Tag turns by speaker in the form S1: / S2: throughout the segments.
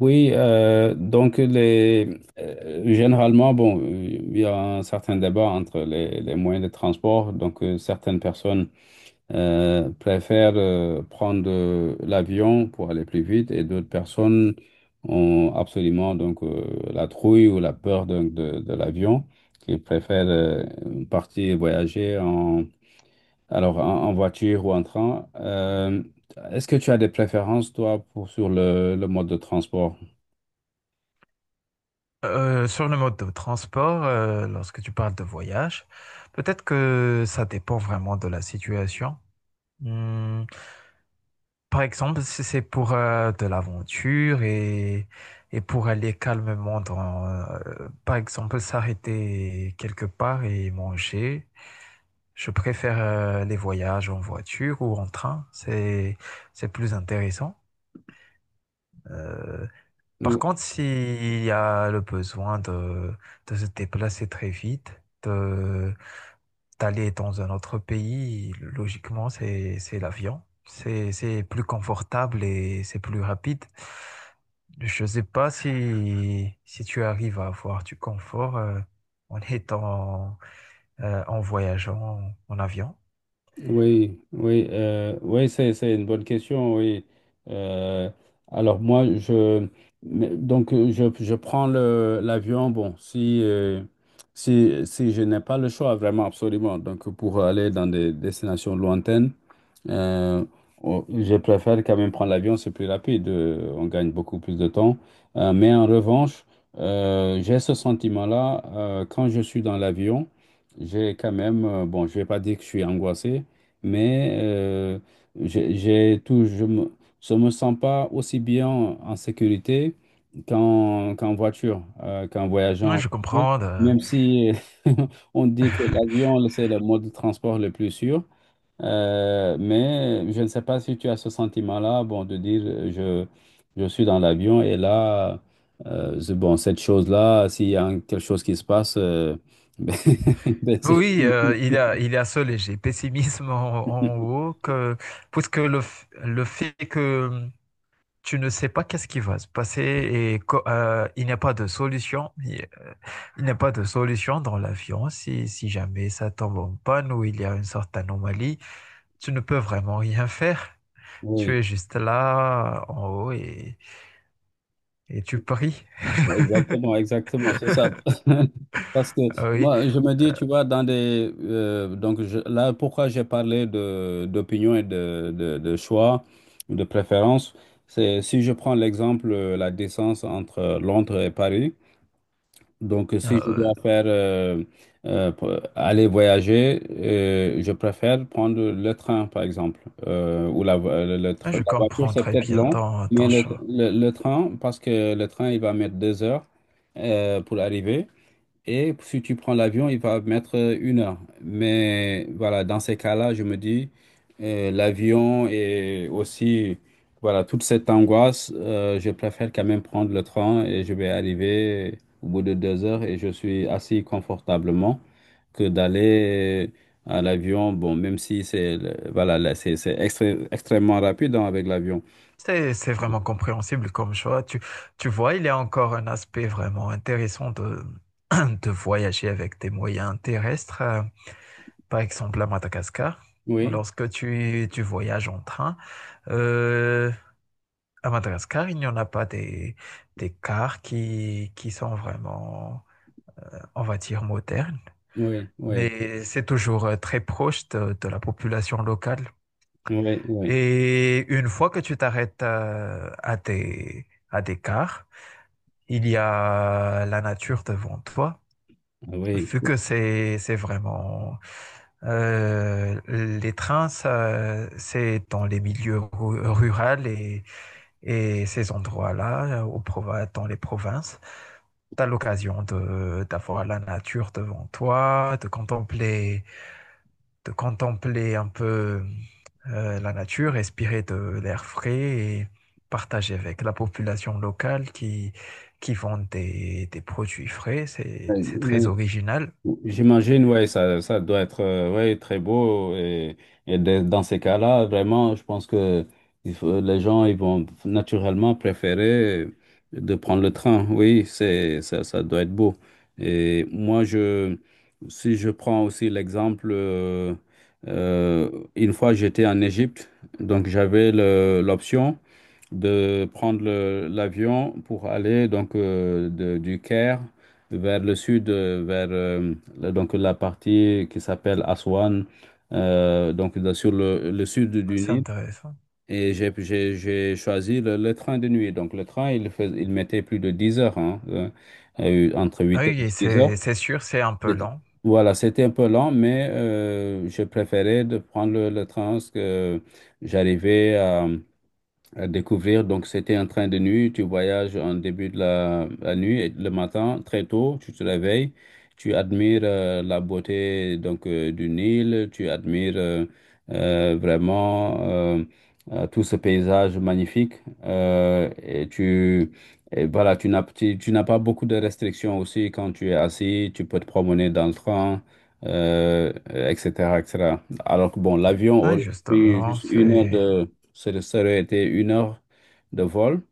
S1: Oui, donc généralement, bon, il y a un certain débat entre les moyens de transport. Donc, certaines personnes préfèrent prendre l'avion pour aller plus vite, et d'autres personnes ont absolument la trouille ou la peur donc, de l'avion, qui préfèrent partir voyager en voiture ou en train. Est-ce que tu as des préférences, toi, sur le mode de transport?
S2: Sur le mode de transport, lorsque tu parles de voyage, peut-être que ça dépend vraiment de la situation. Hmm. Par exemple, si c'est pour de l'aventure et pour aller calmement par exemple, s'arrêter quelque part et manger, je préfère les voyages en voiture ou en train. C'est plus intéressant. Euh, Par
S1: Ou-
S2: contre, s'il y a le de se déplacer très vite, de, d'aller dans un autre pays, logiquement, c'est l'avion. C'est plus confortable et c'est plus rapide. Je ne sais pas si tu arrives à avoir du confort en en voyageant en avion.
S1: Oui, oui, oui, c'est une bonne question, oui. Euh, alors moi, je, mais- donc je prends l'avion, bon, si je n'ai pas le choix, vraiment, absolument, donc pour aller dans des destinations lointaines. Euh, oh, je préfère quand même prendre l'avion, c'est plus rapide, on gagne beaucoup plus de temps. Mais en revanche, j'ai ce sentiment-là, quand je suis dans l'avion, j'ai quand même, bon, je vais pas dire que je suis angoissé, mais j'ai tout, je me sens pas aussi bien en sécurité qu'en voiture, qu'en voyageant
S2: Moi,
S1: en
S2: je
S1: voiture,
S2: comprends.
S1: même si on dit que l'avion, c'est le mode de transport le plus sûr. Mais je ne sais pas si tu as ce sentiment-là, bon, de dire je suis dans l'avion et là, bon, cette chose-là, s'il y a un- quelque chose qui se passe, ben, c'est
S2: Oui,
S1: fini.
S2: il y il y a ce léger pessimisme en haut puisque le fait que tu ne sais pas qu'est-ce qui va se passer et il n'y a pas de solution. Il n'y a pas de solution dans l'avion si jamais ça tombe en panne ou il y a une sorte d'anomalie. Tu ne peux vraiment rien faire. Tu
S1: Oui,
S2: es juste là en haut et tu pries.
S1: exactement, exactement, c'est ça. Parce que
S2: Ah oui.
S1: moi, je me dis, tu vois, dans des. Donc je- là, pourquoi j'ai parlé d'opinion et de choix, de préférence, c'est si je prends l'exemple, la distance entre Londres et Paris. Donc, si je dois
S2: Euh,
S1: aller voyager, je préfère prendre le train, par exemple, ou la, vo- le tr-
S2: je
S1: la voiture,
S2: comprends
S1: c'est
S2: très
S1: peut-être
S2: bien
S1: long, mais
S2: ton choix.
S1: le train, parce que le train, il va mettre deux heures pour arriver. Et si tu prends l'avion, il va mettre une heure. Mais voilà, dans ces cas-là, je me dis, l'avion et aussi, voilà, toute cette angoisse, je préfère quand même prendre le train et je vais arriver au bout de deux heures et je suis assis confortablement que d'aller à l'avion. Bon, même si voilà, là, c'est extrêmement rapide, hein, avec l'avion.
S2: C'est vraiment compréhensible comme choix. Tu vois, il y a encore un aspect vraiment intéressant de, de voyager avec des moyens terrestres. Par exemple, à Madagascar,
S1: Oui,
S2: lorsque tu voyages en train, euh, à Madagascar, il n'y en a pas des cars qui sont vraiment, on va dire, modernes,
S1: oui, oui,
S2: mais c'est toujours très proche de la population locale.
S1: oui,
S2: Et une fois que tu t'arrêtes à des cars, il y a la nature devant toi.
S1: oui,
S2: Vu que c'est vraiment les trains, ça, c'est dans les milieux ruraux et ces endroits-là, aux prov dans les provinces, tu as l'occasion de d'avoir la nature devant toi, de contempler un peu la nature, respirer de l'air frais et partager avec la population locale qui vend des produits frais. C'est très
S1: oui.
S2: original,
S1: J'imagine, ouais, ça doit être ouais, très beau. Et dans ces cas-là, vraiment, je pense que les gens ils vont naturellement préférer de prendre le train. Oui, c'est, ça doit être beau. Et moi, je, si je prends aussi l'exemple, euh, une fois j'étais en Égypte, donc j'avais l'option de prendre l'avion pour aller donc du Caire vers le sud, donc la partie qui s'appelle Aswan, donc là, sur le sud du
S2: c'est
S1: Nil.
S2: intéressant.
S1: Et j'ai choisi le train de nuit. Donc le train, il mettait plus de 10 heures, hein, entre
S2: Ah
S1: 8 et
S2: oui,
S1: 10 heures.
S2: c'est sûr, c'est un peu
S1: C'était-
S2: lent.
S1: Voilà, c'était un peu lent, mais je préférais de prendre le train parce que j'arrivais à découvrir. Donc, c'était un train de nuit. Tu voyages en début de la nuit et le matin, très tôt, tu te réveilles, tu admires la beauté donc du Nil, tu admires vraiment tout ce paysage magnifique. Et tu et voilà, tu, tu n'as pas beaucoup de restrictions aussi quand tu es assis, tu peux te promener dans le train. Etc., etc. Alors que bon, l'avion
S2: Oui,
S1: aurait pris
S2: justement,
S1: juste une heure
S2: c'est...
S1: ça ça aurait été une heure de vol,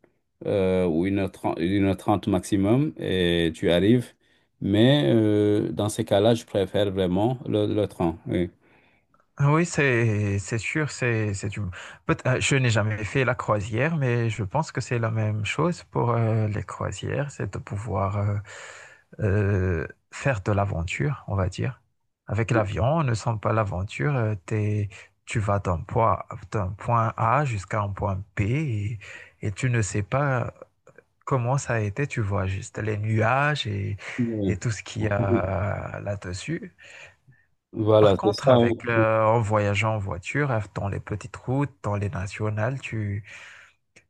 S1: ou une heure trente maximum, et tu arrives. Mais dans ces cas-là, je préfère vraiment le train. Oui.
S2: Ah oui, c'est sûr, c'est je n'ai jamais fait la croisière, mais je pense que c'est la même chose pour les croisières, c'est de pouvoir faire de l'aventure, on va dire. Avec l'avion, on ne sent pas l'aventure, tu vas d'un point A jusqu'à un point B et tu ne sais pas comment ça a été, tu vois juste les nuages et
S1: Oui.
S2: tout ce qu'il y a là-dessus.
S1: Voilà,
S2: Par
S1: c'est
S2: contre,
S1: ça. Oui.
S2: en voyageant en voiture, dans les petites routes, dans les nationales,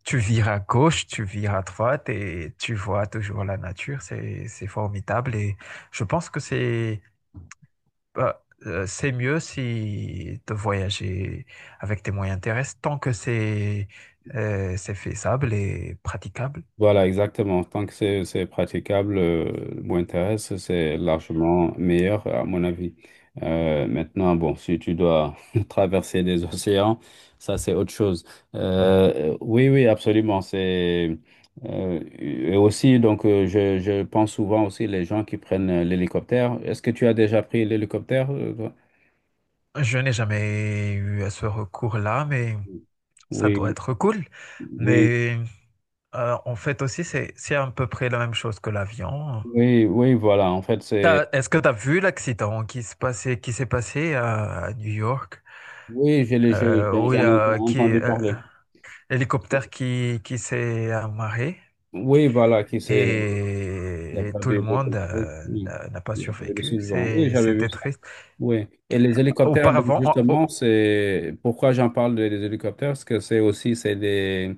S2: tu vires à gauche, tu vires à droite et tu vois toujours la nature. C'est formidable et je pense que c'est mieux si de voyager avec des moyens terrestres tant que c'est faisable et praticable.
S1: Voilà, exactement. Tant que c'est praticable, Winterest, c'est largement meilleur, à mon avis. Maintenant, bon, si tu dois traverser des océans, ça, c'est autre chose. Oui, oui, absolument. C'est, et aussi, donc, je pense souvent aussi les gens qui prennent l'hélicoptère. Est-ce que tu as déjà pris l'hélicoptère? Euh, toi.
S2: Je n'ai jamais eu à ce recours-là, mais ça doit
S1: Oui,
S2: être cool.
S1: oui,
S2: Mais en fait aussi, c'est à peu près la même chose que l'avion.
S1: oui, oui, voilà. En fait, c'est...
S2: Est-ce que tu as vu l'accident qui se passait, qui s'est passé à New York,
S1: Oui, je l'ai- j'ai-
S2: où il y
S1: j'en ai
S2: a qui,
S1: entendu parler.
S2: l'hélicoptère qui s'est amarré
S1: Oui, voilà, qui a
S2: et tout
S1: perdu
S2: le
S1: les
S2: monde
S1: contrôles. Oui,
S2: n'a pas
S1: il y a perdu ce
S2: survécu.
S1: survivants. Oui, j'avais vu
S2: C'était
S1: ça.
S2: triste.
S1: Oui. Et les hélicoptères, donc
S2: Auparavant, oh, oh,
S1: justement, c'est pourquoi j'en parle des hélicoptères, parce que c'est des,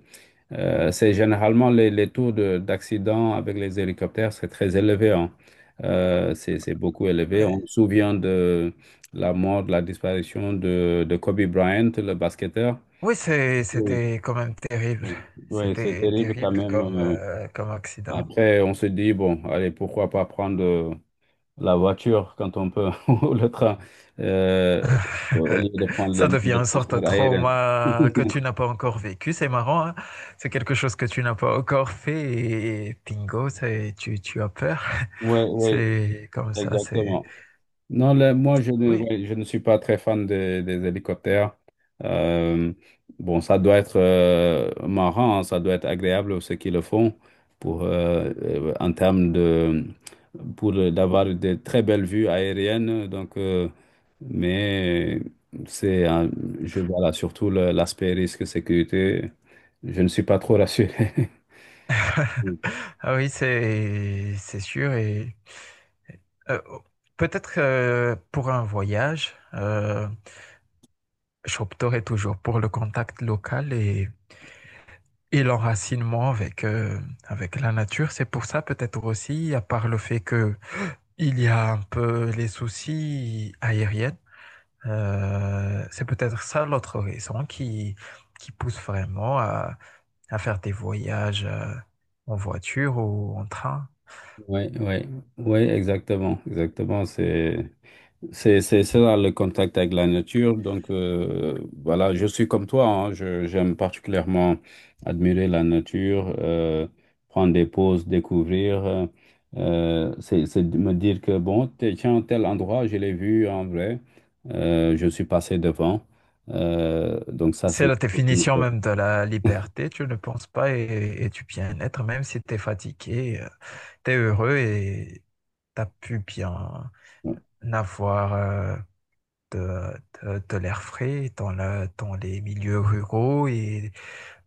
S1: c'est généralement les taux d'accident avec les hélicoptères, c'est très élevé, hein. C'est beaucoup élevé. On
S2: ouais.
S1: se souvient de la mort, de la disparition de Kobe Bryant, le basketteur.
S2: Oui,
S1: Oui,
S2: c'était quand même terrible.
S1: oui, c'est
S2: C'était
S1: terrible quand
S2: terrible
S1: même.
S2: comme, comme accident.
S1: Après, on se dit, bon, allez, pourquoi pas prendre la voiture quand on peut, ou le train, euh, au lieu de prendre les
S2: Ça devient
S1: moyens de
S2: une sorte de
S1: transport aérien.
S2: trauma que tu n'as pas encore vécu. C'est marrant, hein. C'est quelque chose que tu n'as pas encore fait et bingo, tu as peur.
S1: Oui, oui,
S2: C'est comme ça, c'est...
S1: exactement. Non, là, moi, je ne,
S2: Oui,
S1: ouais, je ne suis pas très fan des hélicoptères. Euh, bon, ça doit être marrant, hein, ça doit être agréable ceux qui le font pour, en termes de, pour d'avoir de très belles vues aériennes. Donc, mais c'est, voilà, surtout l'aspect risque sécurité, je ne suis pas trop rassuré.
S2: ah oui, c'est sûr. Et euh, peut-être pour un voyage, j'opterai toujours pour le contact local et l'enracinement avec la nature. C'est pour ça peut-être aussi, à part le fait que il y a un peu les soucis aériens. C'est peut-être ça l'autre raison qui pousse vraiment à faire des voyages en voiture ou en train.
S1: Oui, oui, oui, exactement, exactement, c'est. C'est ça le contact avec la nature. Donc voilà, je suis comme toi, hein. Je, j'aime particulièrement admirer la nature, prendre des pauses, découvrir. C'est de me dire que bon, tiens, tel endroit, je l'ai vu en vrai, je suis passé devant. Donc ça,
S2: C'est
S1: c'est.
S2: la définition même de la liberté, tu ne penses pas et du bien-être, même si tu es fatigué, tu es heureux et tu as pu bien avoir de, de l'air frais dans les milieux ruraux et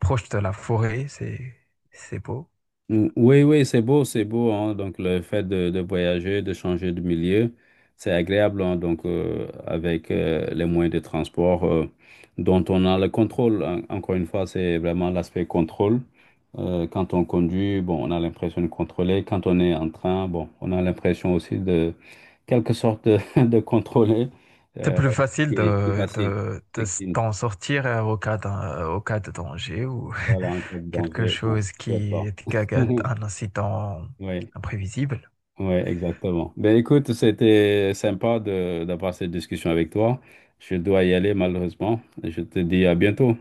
S2: proche de la forêt, c'est beau.
S1: Oui, oui, c'est beau, hein. Donc, le fait de voyager, de changer de milieu, c'est agréable, hein. Donc, avec les moyens de transport dont on a le contrôle. Encore une fois, c'est vraiment l'aspect contrôle. Quand on conduit, bon, on a l'impression de contrôler. Quand on est en train, bon, on a l'impression aussi de, quelque sorte, de, de contrôler.
S2: C'est
S1: Euh,
S2: plus facile
S1: c'est facile.
S2: de
S1: C'est qu'il
S2: d'en sortir au cas de danger ou
S1: voilà, un peu de
S2: quelque
S1: danger. Bon,
S2: chose
S1: je ne sais
S2: qui
S1: pas.
S2: est qui a- un incident
S1: Oui.
S2: imprévisible.
S1: Ouais, exactement. Ben écoute, c'était sympa de d'avoir cette discussion avec toi. Je dois y aller malheureusement. Je te dis à bientôt.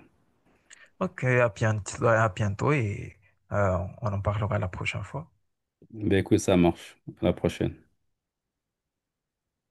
S2: Ok, à bientôt et on en parlera la prochaine fois.
S1: Ben écoute, ça marche. À la prochaine.